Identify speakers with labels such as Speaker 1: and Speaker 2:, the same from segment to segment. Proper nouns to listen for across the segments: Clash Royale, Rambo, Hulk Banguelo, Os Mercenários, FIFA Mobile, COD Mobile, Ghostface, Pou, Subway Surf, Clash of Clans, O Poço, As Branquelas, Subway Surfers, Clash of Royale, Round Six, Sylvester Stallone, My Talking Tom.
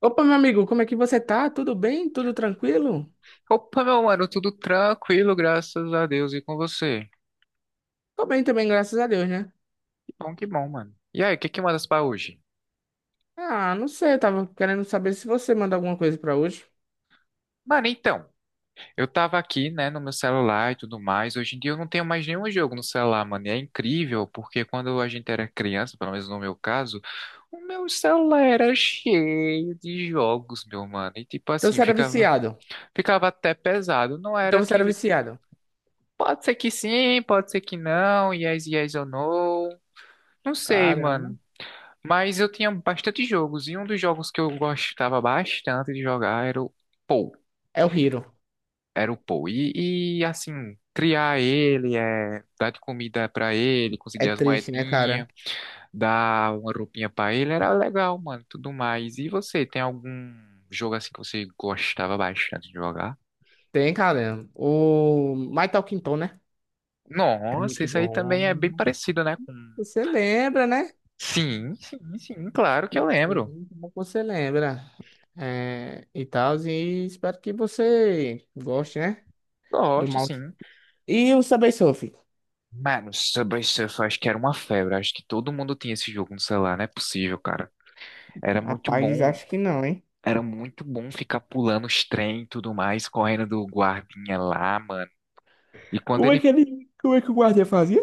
Speaker 1: Opa, meu amigo, como é que você tá? Tudo bem? Tudo tranquilo?
Speaker 2: Opa, meu mano, tudo tranquilo, graças a Deus, e com você?
Speaker 1: Tô bem também, graças a Deus, né?
Speaker 2: Que bom, mano. E aí, o que que mandas pra hoje?
Speaker 1: Ah, não sei, eu tava querendo saber se você manda alguma coisa pra hoje.
Speaker 2: Mano, então, eu tava aqui, né, no meu celular e tudo mais. Hoje em dia eu não tenho mais nenhum jogo no celular, mano. E é incrível, porque quando a gente era criança, pelo menos no meu caso, o meu celular era cheio de jogos, meu mano. E tipo
Speaker 1: Então
Speaker 2: assim,
Speaker 1: você era
Speaker 2: ficava,
Speaker 1: viciado.
Speaker 2: ficava até pesado. Não
Speaker 1: Então
Speaker 2: era
Speaker 1: você era
Speaker 2: que.
Speaker 1: viciado.
Speaker 2: Pode ser que sim, pode ser que não. Yes, yes ou no. Não sei,
Speaker 1: Caramba.
Speaker 2: mano. Mas eu tinha bastante jogos, e um dos jogos que eu gostava bastante de jogar era o Pou.
Speaker 1: É o Hiro.
Speaker 2: Era o Pou. E, assim, criar ele, é, dar de comida pra ele,
Speaker 1: É
Speaker 2: conseguir as
Speaker 1: triste, né, cara?
Speaker 2: moedinhas, dar uma roupinha pra ele, era legal, mano, tudo mais. E você, tem algum jogo assim que você gostava bastante de jogar?
Speaker 1: Tem, cara. O My Talking Tom, né? É
Speaker 2: Nossa,
Speaker 1: muito
Speaker 2: isso aí também é bem
Speaker 1: bom.
Speaker 2: parecido, né, com.
Speaker 1: Você lembra, né?
Speaker 2: Sim, sim, sim, claro que eu
Speaker 1: Que
Speaker 2: lembro.
Speaker 1: bom que você lembra. É, e tal, e espero que você goste, né? Do
Speaker 2: Gosto,
Speaker 1: mal.
Speaker 2: sim.
Speaker 1: E o Subway Surf?
Speaker 2: Mano, Subway Surfers acho que era uma febre. Acho que todo mundo tinha esse jogo no celular, não é possível, cara. Era muito
Speaker 1: Rapaz,
Speaker 2: bom,
Speaker 1: acho que não, hein?
Speaker 2: era muito bom ficar pulando os trem e tudo mais, correndo do guardinha lá, mano. E quando
Speaker 1: Como é
Speaker 2: ele.
Speaker 1: que ele, como é que o guardiã fazia?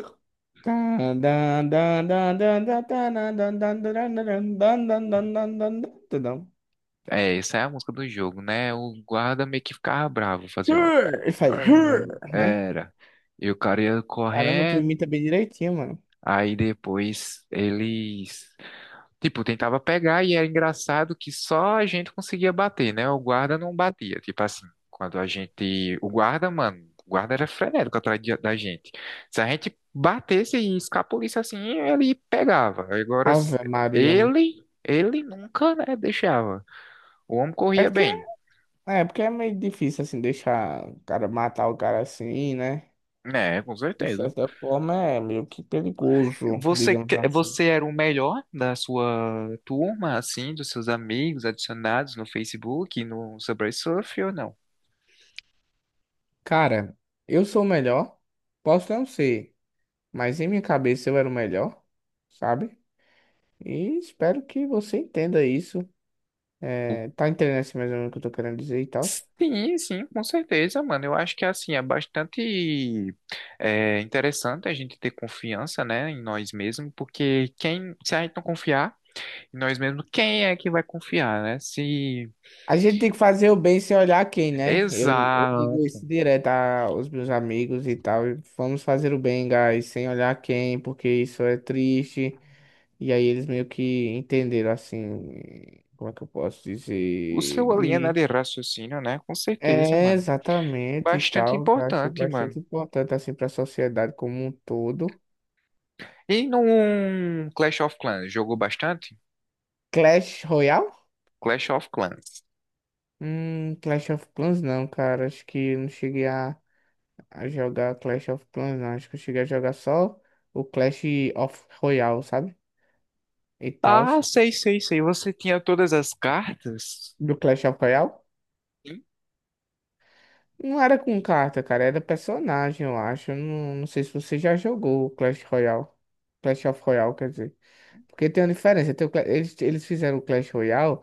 Speaker 2: É, essa é a música do jogo, né? O guarda meio que ficava bravo, fazia um.
Speaker 1: Hur! Ele faz, hur, né?
Speaker 2: Era. E o cara ia
Speaker 1: Caramba, tu
Speaker 2: correndo,
Speaker 1: imita bem direitinho, mano.
Speaker 2: aí depois eles. Tipo, tentava pegar e era engraçado que só a gente conseguia bater, né? O guarda não batia. Tipo assim, quando a gente. O guarda, mano, o guarda era frenético atrás da gente. Se a gente batesse e escapolisse assim, ele pegava. Agora,
Speaker 1: Ave Maria.
Speaker 2: ele, nunca, né, deixava. O homem
Speaker 1: É
Speaker 2: corria
Speaker 1: porque
Speaker 2: bem.
Speaker 1: é, porque é meio difícil, assim, deixar o cara matar o cara assim, né?
Speaker 2: Né, com
Speaker 1: De
Speaker 2: certeza.
Speaker 1: certa forma é meio que perigoso,
Speaker 2: Você,
Speaker 1: digamos
Speaker 2: que-
Speaker 1: assim.
Speaker 2: você era o melhor da sua turma, assim, dos seus amigos adicionados no Facebook, no Subway Surf ou não?
Speaker 1: Cara, eu sou o melhor. Posso não ser, mas em minha cabeça eu era o melhor, sabe? E espero que você entenda isso. É, tá entendendo assim mais ou menos o que eu tô querendo dizer e tal.
Speaker 2: Sim, sim, com certeza, mano. Eu acho que assim é bastante interessante a gente ter confiança, né, em nós mesmos, porque quem, se a gente não confiar em nós mesmos, quem é que vai confiar, né? Se
Speaker 1: A gente tem que fazer o bem sem olhar quem, né? Eu digo
Speaker 2: exato,
Speaker 1: isso direto aos meus amigos e tal. Vamos fazer o bem, guys, sem olhar quem, porque isso é triste. E aí eles meio que entenderam assim, como é que eu posso
Speaker 2: o
Speaker 1: dizer?
Speaker 2: seu linha, né,
Speaker 1: De...
Speaker 2: de raciocínio, né? Com certeza,
Speaker 1: É,
Speaker 2: mano.
Speaker 1: exatamente e
Speaker 2: Bastante
Speaker 1: tal. Eu acho
Speaker 2: importante,
Speaker 1: bastante
Speaker 2: mano.
Speaker 1: importante assim para a sociedade como um todo.
Speaker 2: E num Clash of Clans, jogou bastante?
Speaker 1: Clash Royale?
Speaker 2: Clash of Clans.
Speaker 1: Clash of Clans não, cara. Acho que eu não cheguei a jogar Clash of Clans, não. Acho que eu cheguei a jogar só o Clash of Royale, sabe? E tal.
Speaker 2: Ah, sei, sei, sei. Você tinha todas as cartas?
Speaker 1: Do Clash of Royale? Não era com carta, cara. Era personagem, eu acho. Eu não sei se você já jogou o Clash Royale. Clash of Royale, quer dizer. Porque tem uma diferença. Eles, fizeram o Clash Royale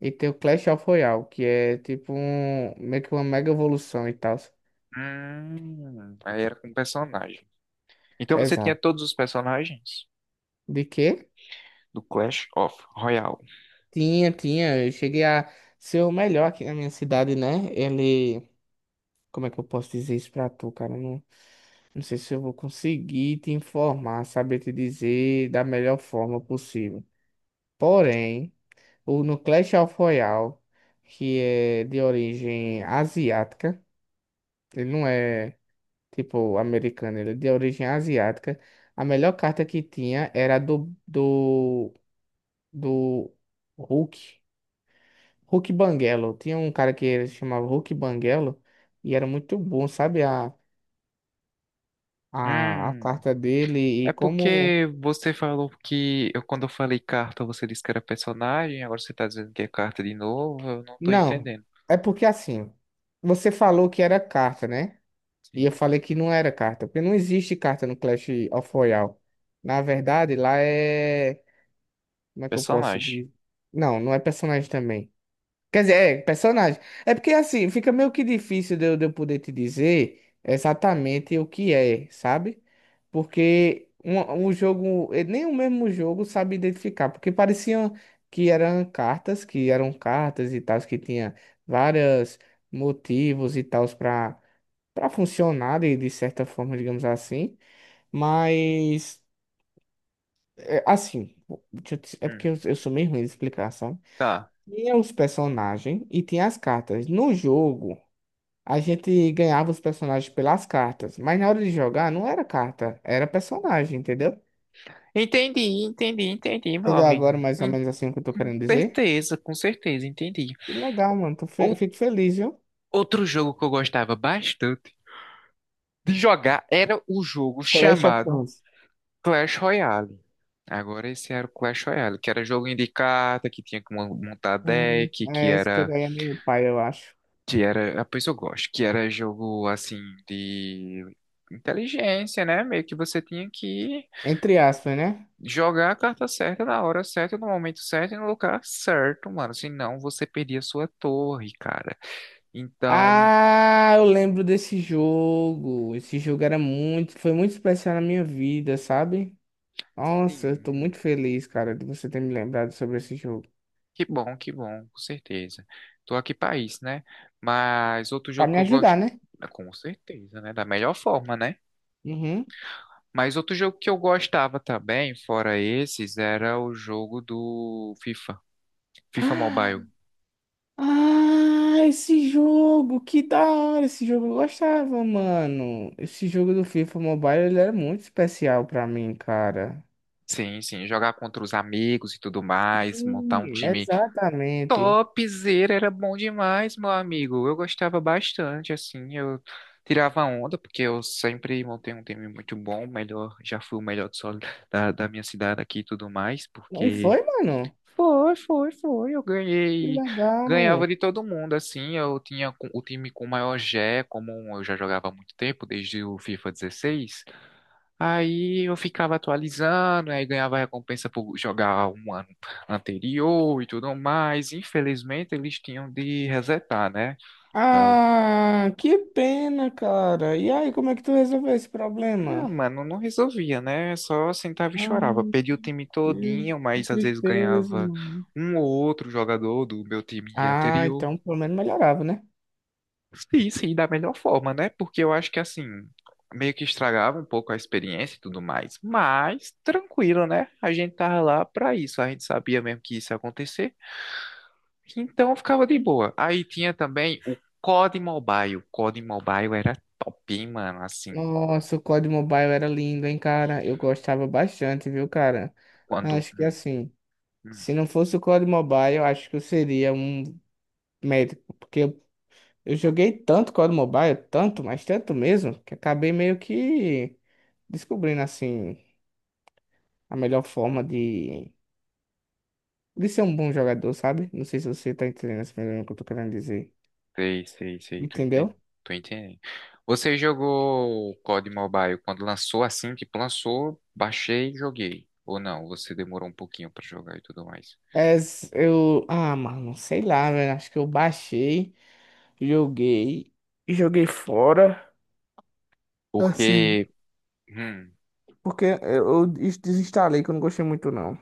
Speaker 1: e tem o Clash of Royale, que é tipo um, meio que uma mega evolução e tal.
Speaker 2: Aí era com personagem. Então você tinha
Speaker 1: Exato.
Speaker 2: todos os personagens
Speaker 1: De quê?
Speaker 2: do Clash of Royale.
Speaker 1: Tinha, tinha. Eu cheguei a ser o melhor aqui na minha cidade, né? Ele. Como é que eu posso dizer isso pra tu, cara? Não, não sei se eu vou conseguir te informar, saber te dizer da melhor forma possível. Porém, o no Clash of Royale, que é de origem asiática, ele não é tipo americano, ele é de origem asiática. A melhor carta que tinha era a do Hulk. Hulk Banguelo. Tinha um cara que ele se chamava Hulk Banguelo e era muito bom, sabe? A
Speaker 2: Hum,
Speaker 1: carta dele e
Speaker 2: é
Speaker 1: como.
Speaker 2: porque você falou quando eu falei carta, você disse que era personagem, agora você tá dizendo que é carta de novo, eu não tô
Speaker 1: Não,
Speaker 2: entendendo.
Speaker 1: é porque assim, você falou que era carta, né? E eu
Speaker 2: Sim,
Speaker 1: falei que não era carta, porque não existe carta no Clash of Royale. Na verdade, lá é. Como é que eu posso
Speaker 2: personagem.
Speaker 1: dizer? Não, não é personagem também. Quer dizer, é, personagem. É porque assim, fica meio que difícil de eu poder te dizer exatamente o que é, sabe? Porque um jogo, nem o mesmo jogo sabe identificar, porque parecia que eram cartas, e tal, que tinha vários motivos e tal para funcionar de certa forma, digamos assim. Mas, assim, é
Speaker 2: Hum,
Speaker 1: porque eu sou meio ruim de explicar, sabe?
Speaker 2: tá.
Speaker 1: Tinha os personagens e tinha as cartas. No jogo, a gente ganhava os personagens pelas cartas, mas na hora de jogar não era carta, era personagem, entendeu?
Speaker 2: Entendi, entendi, entendi, meu
Speaker 1: Entendeu
Speaker 2: amigo.
Speaker 1: agora mais ou
Speaker 2: Hum,
Speaker 1: menos assim o que eu tô querendo dizer?
Speaker 2: Com certeza, entendi.
Speaker 1: Que legal, mano.
Speaker 2: Ou-
Speaker 1: Fico feliz, viu?
Speaker 2: Outro jogo que eu gostava bastante de jogar era o jogo
Speaker 1: Clash of
Speaker 2: chamado
Speaker 1: Clans.
Speaker 2: Clash Royale. Agora esse era o Clash Royale, que era joguinho de carta, que tinha que montar deck, que
Speaker 1: É, esse jogo
Speaker 2: era,
Speaker 1: aí é meio pai, eu acho.
Speaker 2: que era, a pessoa gosta, que era jogo assim de inteligência, né? Meio que você tinha que
Speaker 1: Entre aspas, né?
Speaker 2: jogar a carta certa na hora certa, no momento certo e no lugar certo, mano. Senão você perdia sua torre, cara. Então,
Speaker 1: Ah, eu lembro desse jogo. Esse jogo era muito, foi muito especial na minha vida, sabe? Nossa, eu tô
Speaker 2: sim.
Speaker 1: muito feliz, cara, de você ter me lembrado sobre esse jogo.
Speaker 2: Que bom, com certeza. Tô aqui pra isso, né? Mas outro
Speaker 1: Pra
Speaker 2: jogo que
Speaker 1: me
Speaker 2: eu
Speaker 1: ajudar,
Speaker 2: gosto,
Speaker 1: né?
Speaker 2: com certeza, né? Da melhor forma, né?
Speaker 1: Uhum.
Speaker 2: Mas outro jogo que eu gostava também, fora esses, era o jogo do FIFA, FIFA Mobile.
Speaker 1: Ah, esse jogo, que da hora, esse jogo eu gostava, mano. Esse jogo do FIFA Mobile, ele era muito especial pra mim, cara.
Speaker 2: Sim, sim, jogar contra os amigos e tudo mais, montar um
Speaker 1: Sim,
Speaker 2: time
Speaker 1: exatamente.
Speaker 2: Topzera, era bom demais, meu amigo. Eu gostava bastante, assim, eu tirava onda, porque eu sempre montei um time muito bom, melhor, já fui o melhor do solo da minha cidade aqui e tudo mais,
Speaker 1: E
Speaker 2: porque
Speaker 1: foi, mano?
Speaker 2: foi, foi, foi, eu
Speaker 1: Que
Speaker 2: ganhei,
Speaker 1: legal.
Speaker 2: ganhava de todo mundo, assim, eu tinha o time com o maior G, E, como eu já jogava há muito tempo, desde o FIFA 16. Aí eu ficava atualizando, aí ganhava recompensa por jogar um ano anterior e tudo mais. Infelizmente, eles tinham de resetar, né? Dava-
Speaker 1: Ah, que pena, cara. E aí, como é que tu resolveu esse
Speaker 2: Ah,
Speaker 1: problema?
Speaker 2: mano, não resolvia, né? Só sentava e
Speaker 1: Ah,
Speaker 2: chorava. Perdi o time
Speaker 1: que,
Speaker 2: todinho,
Speaker 1: que
Speaker 2: mas às vezes
Speaker 1: tristeza,
Speaker 2: ganhava
Speaker 1: mano.
Speaker 2: um ou outro jogador do meu time
Speaker 1: Ah,
Speaker 2: anterior.
Speaker 1: então pelo menos melhorava, né?
Speaker 2: Sim, sim, da melhor forma, né? Porque eu acho que assim, meio que estragava um pouco a experiência e tudo mais. Mas tranquilo, né? A gente tava lá pra isso. A gente sabia mesmo que isso ia acontecer. Então eu ficava de boa. Aí tinha também o COD Mobile. O COD Mobile era top, hein, mano. Assim,
Speaker 1: Nossa, o COD Mobile era lindo, hein, cara? Eu gostava bastante, viu, cara?
Speaker 2: quando.
Speaker 1: Acho que assim,
Speaker 2: Hum,
Speaker 1: se não fosse o COD Mobile, eu acho que eu seria um médico, porque eu joguei tanto COD Mobile, tanto, mas tanto mesmo, que acabei meio que descobrindo, assim, a melhor forma de ser um bom jogador, sabe? Não sei se você tá entendendo esse problema que eu tô querendo dizer.
Speaker 2: sei, sei, sei, tô
Speaker 1: Entendeu?
Speaker 2: entendendo. Tô entendendo. Você jogou o COD Mobile quando lançou assim, tipo, lançou, baixei e joguei. Ou não, você demorou um pouquinho pra jogar e tudo mais.
Speaker 1: É, s- eu. Ah, mano, sei lá, velho. Acho que eu baixei, joguei, joguei fora. Assim,
Speaker 2: Porque. hum,
Speaker 1: porque eu desinstalei que eu não gostei muito, não.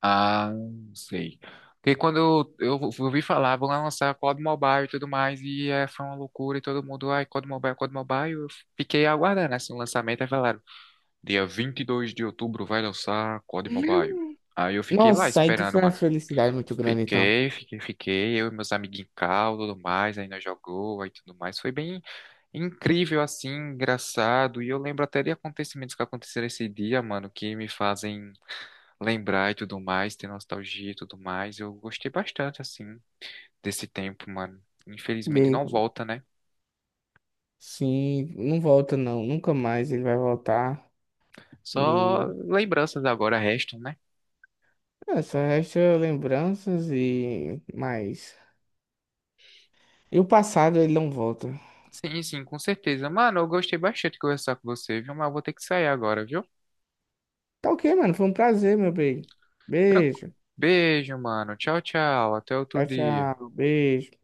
Speaker 2: Ah, sei. Porque quando eu ouvi falar, vão lançar COD Mobile e tudo mais, e é, foi uma loucura, e todo mundo, ai, COD Mobile, COD Mobile, eu fiquei aguardando, assim, o lançamento, aí falaram, dia 22 de outubro vai lançar COD Mobile. Aí eu fiquei lá
Speaker 1: Nossa, aí que
Speaker 2: esperando,
Speaker 1: foi uma
Speaker 2: mano.
Speaker 1: felicidade muito grande, então.
Speaker 2: Fiquei, eu e meus amiguinhos em cal, tudo mais, aí nós jogou, aí tudo mais, foi bem incrível, assim, engraçado, e eu lembro até de acontecimentos que aconteceram esse dia, mano, que me fazem lembrar e tudo mais, ter nostalgia e tudo mais. Eu gostei bastante, assim, desse tempo, mano.
Speaker 1: E
Speaker 2: Infelizmente
Speaker 1: aí,
Speaker 2: não volta, né?
Speaker 1: sim, não volta, não. Nunca mais ele vai voltar. E
Speaker 2: Só lembranças agora restam, né?
Speaker 1: é, só resta lembranças e mais. E o passado, ele não volta.
Speaker 2: Sim, sim, com certeza. Mano, eu gostei bastante de conversar com você, viu? Mas eu vou ter que sair agora, viu?
Speaker 1: Tá ok, mano. Foi um prazer, meu bem.
Speaker 2: Tranquilo.
Speaker 1: Beijo.
Speaker 2: Beijo, mano. Tchau, tchau. Até outro
Speaker 1: Tchau,
Speaker 2: dia.
Speaker 1: tchau. Beijo.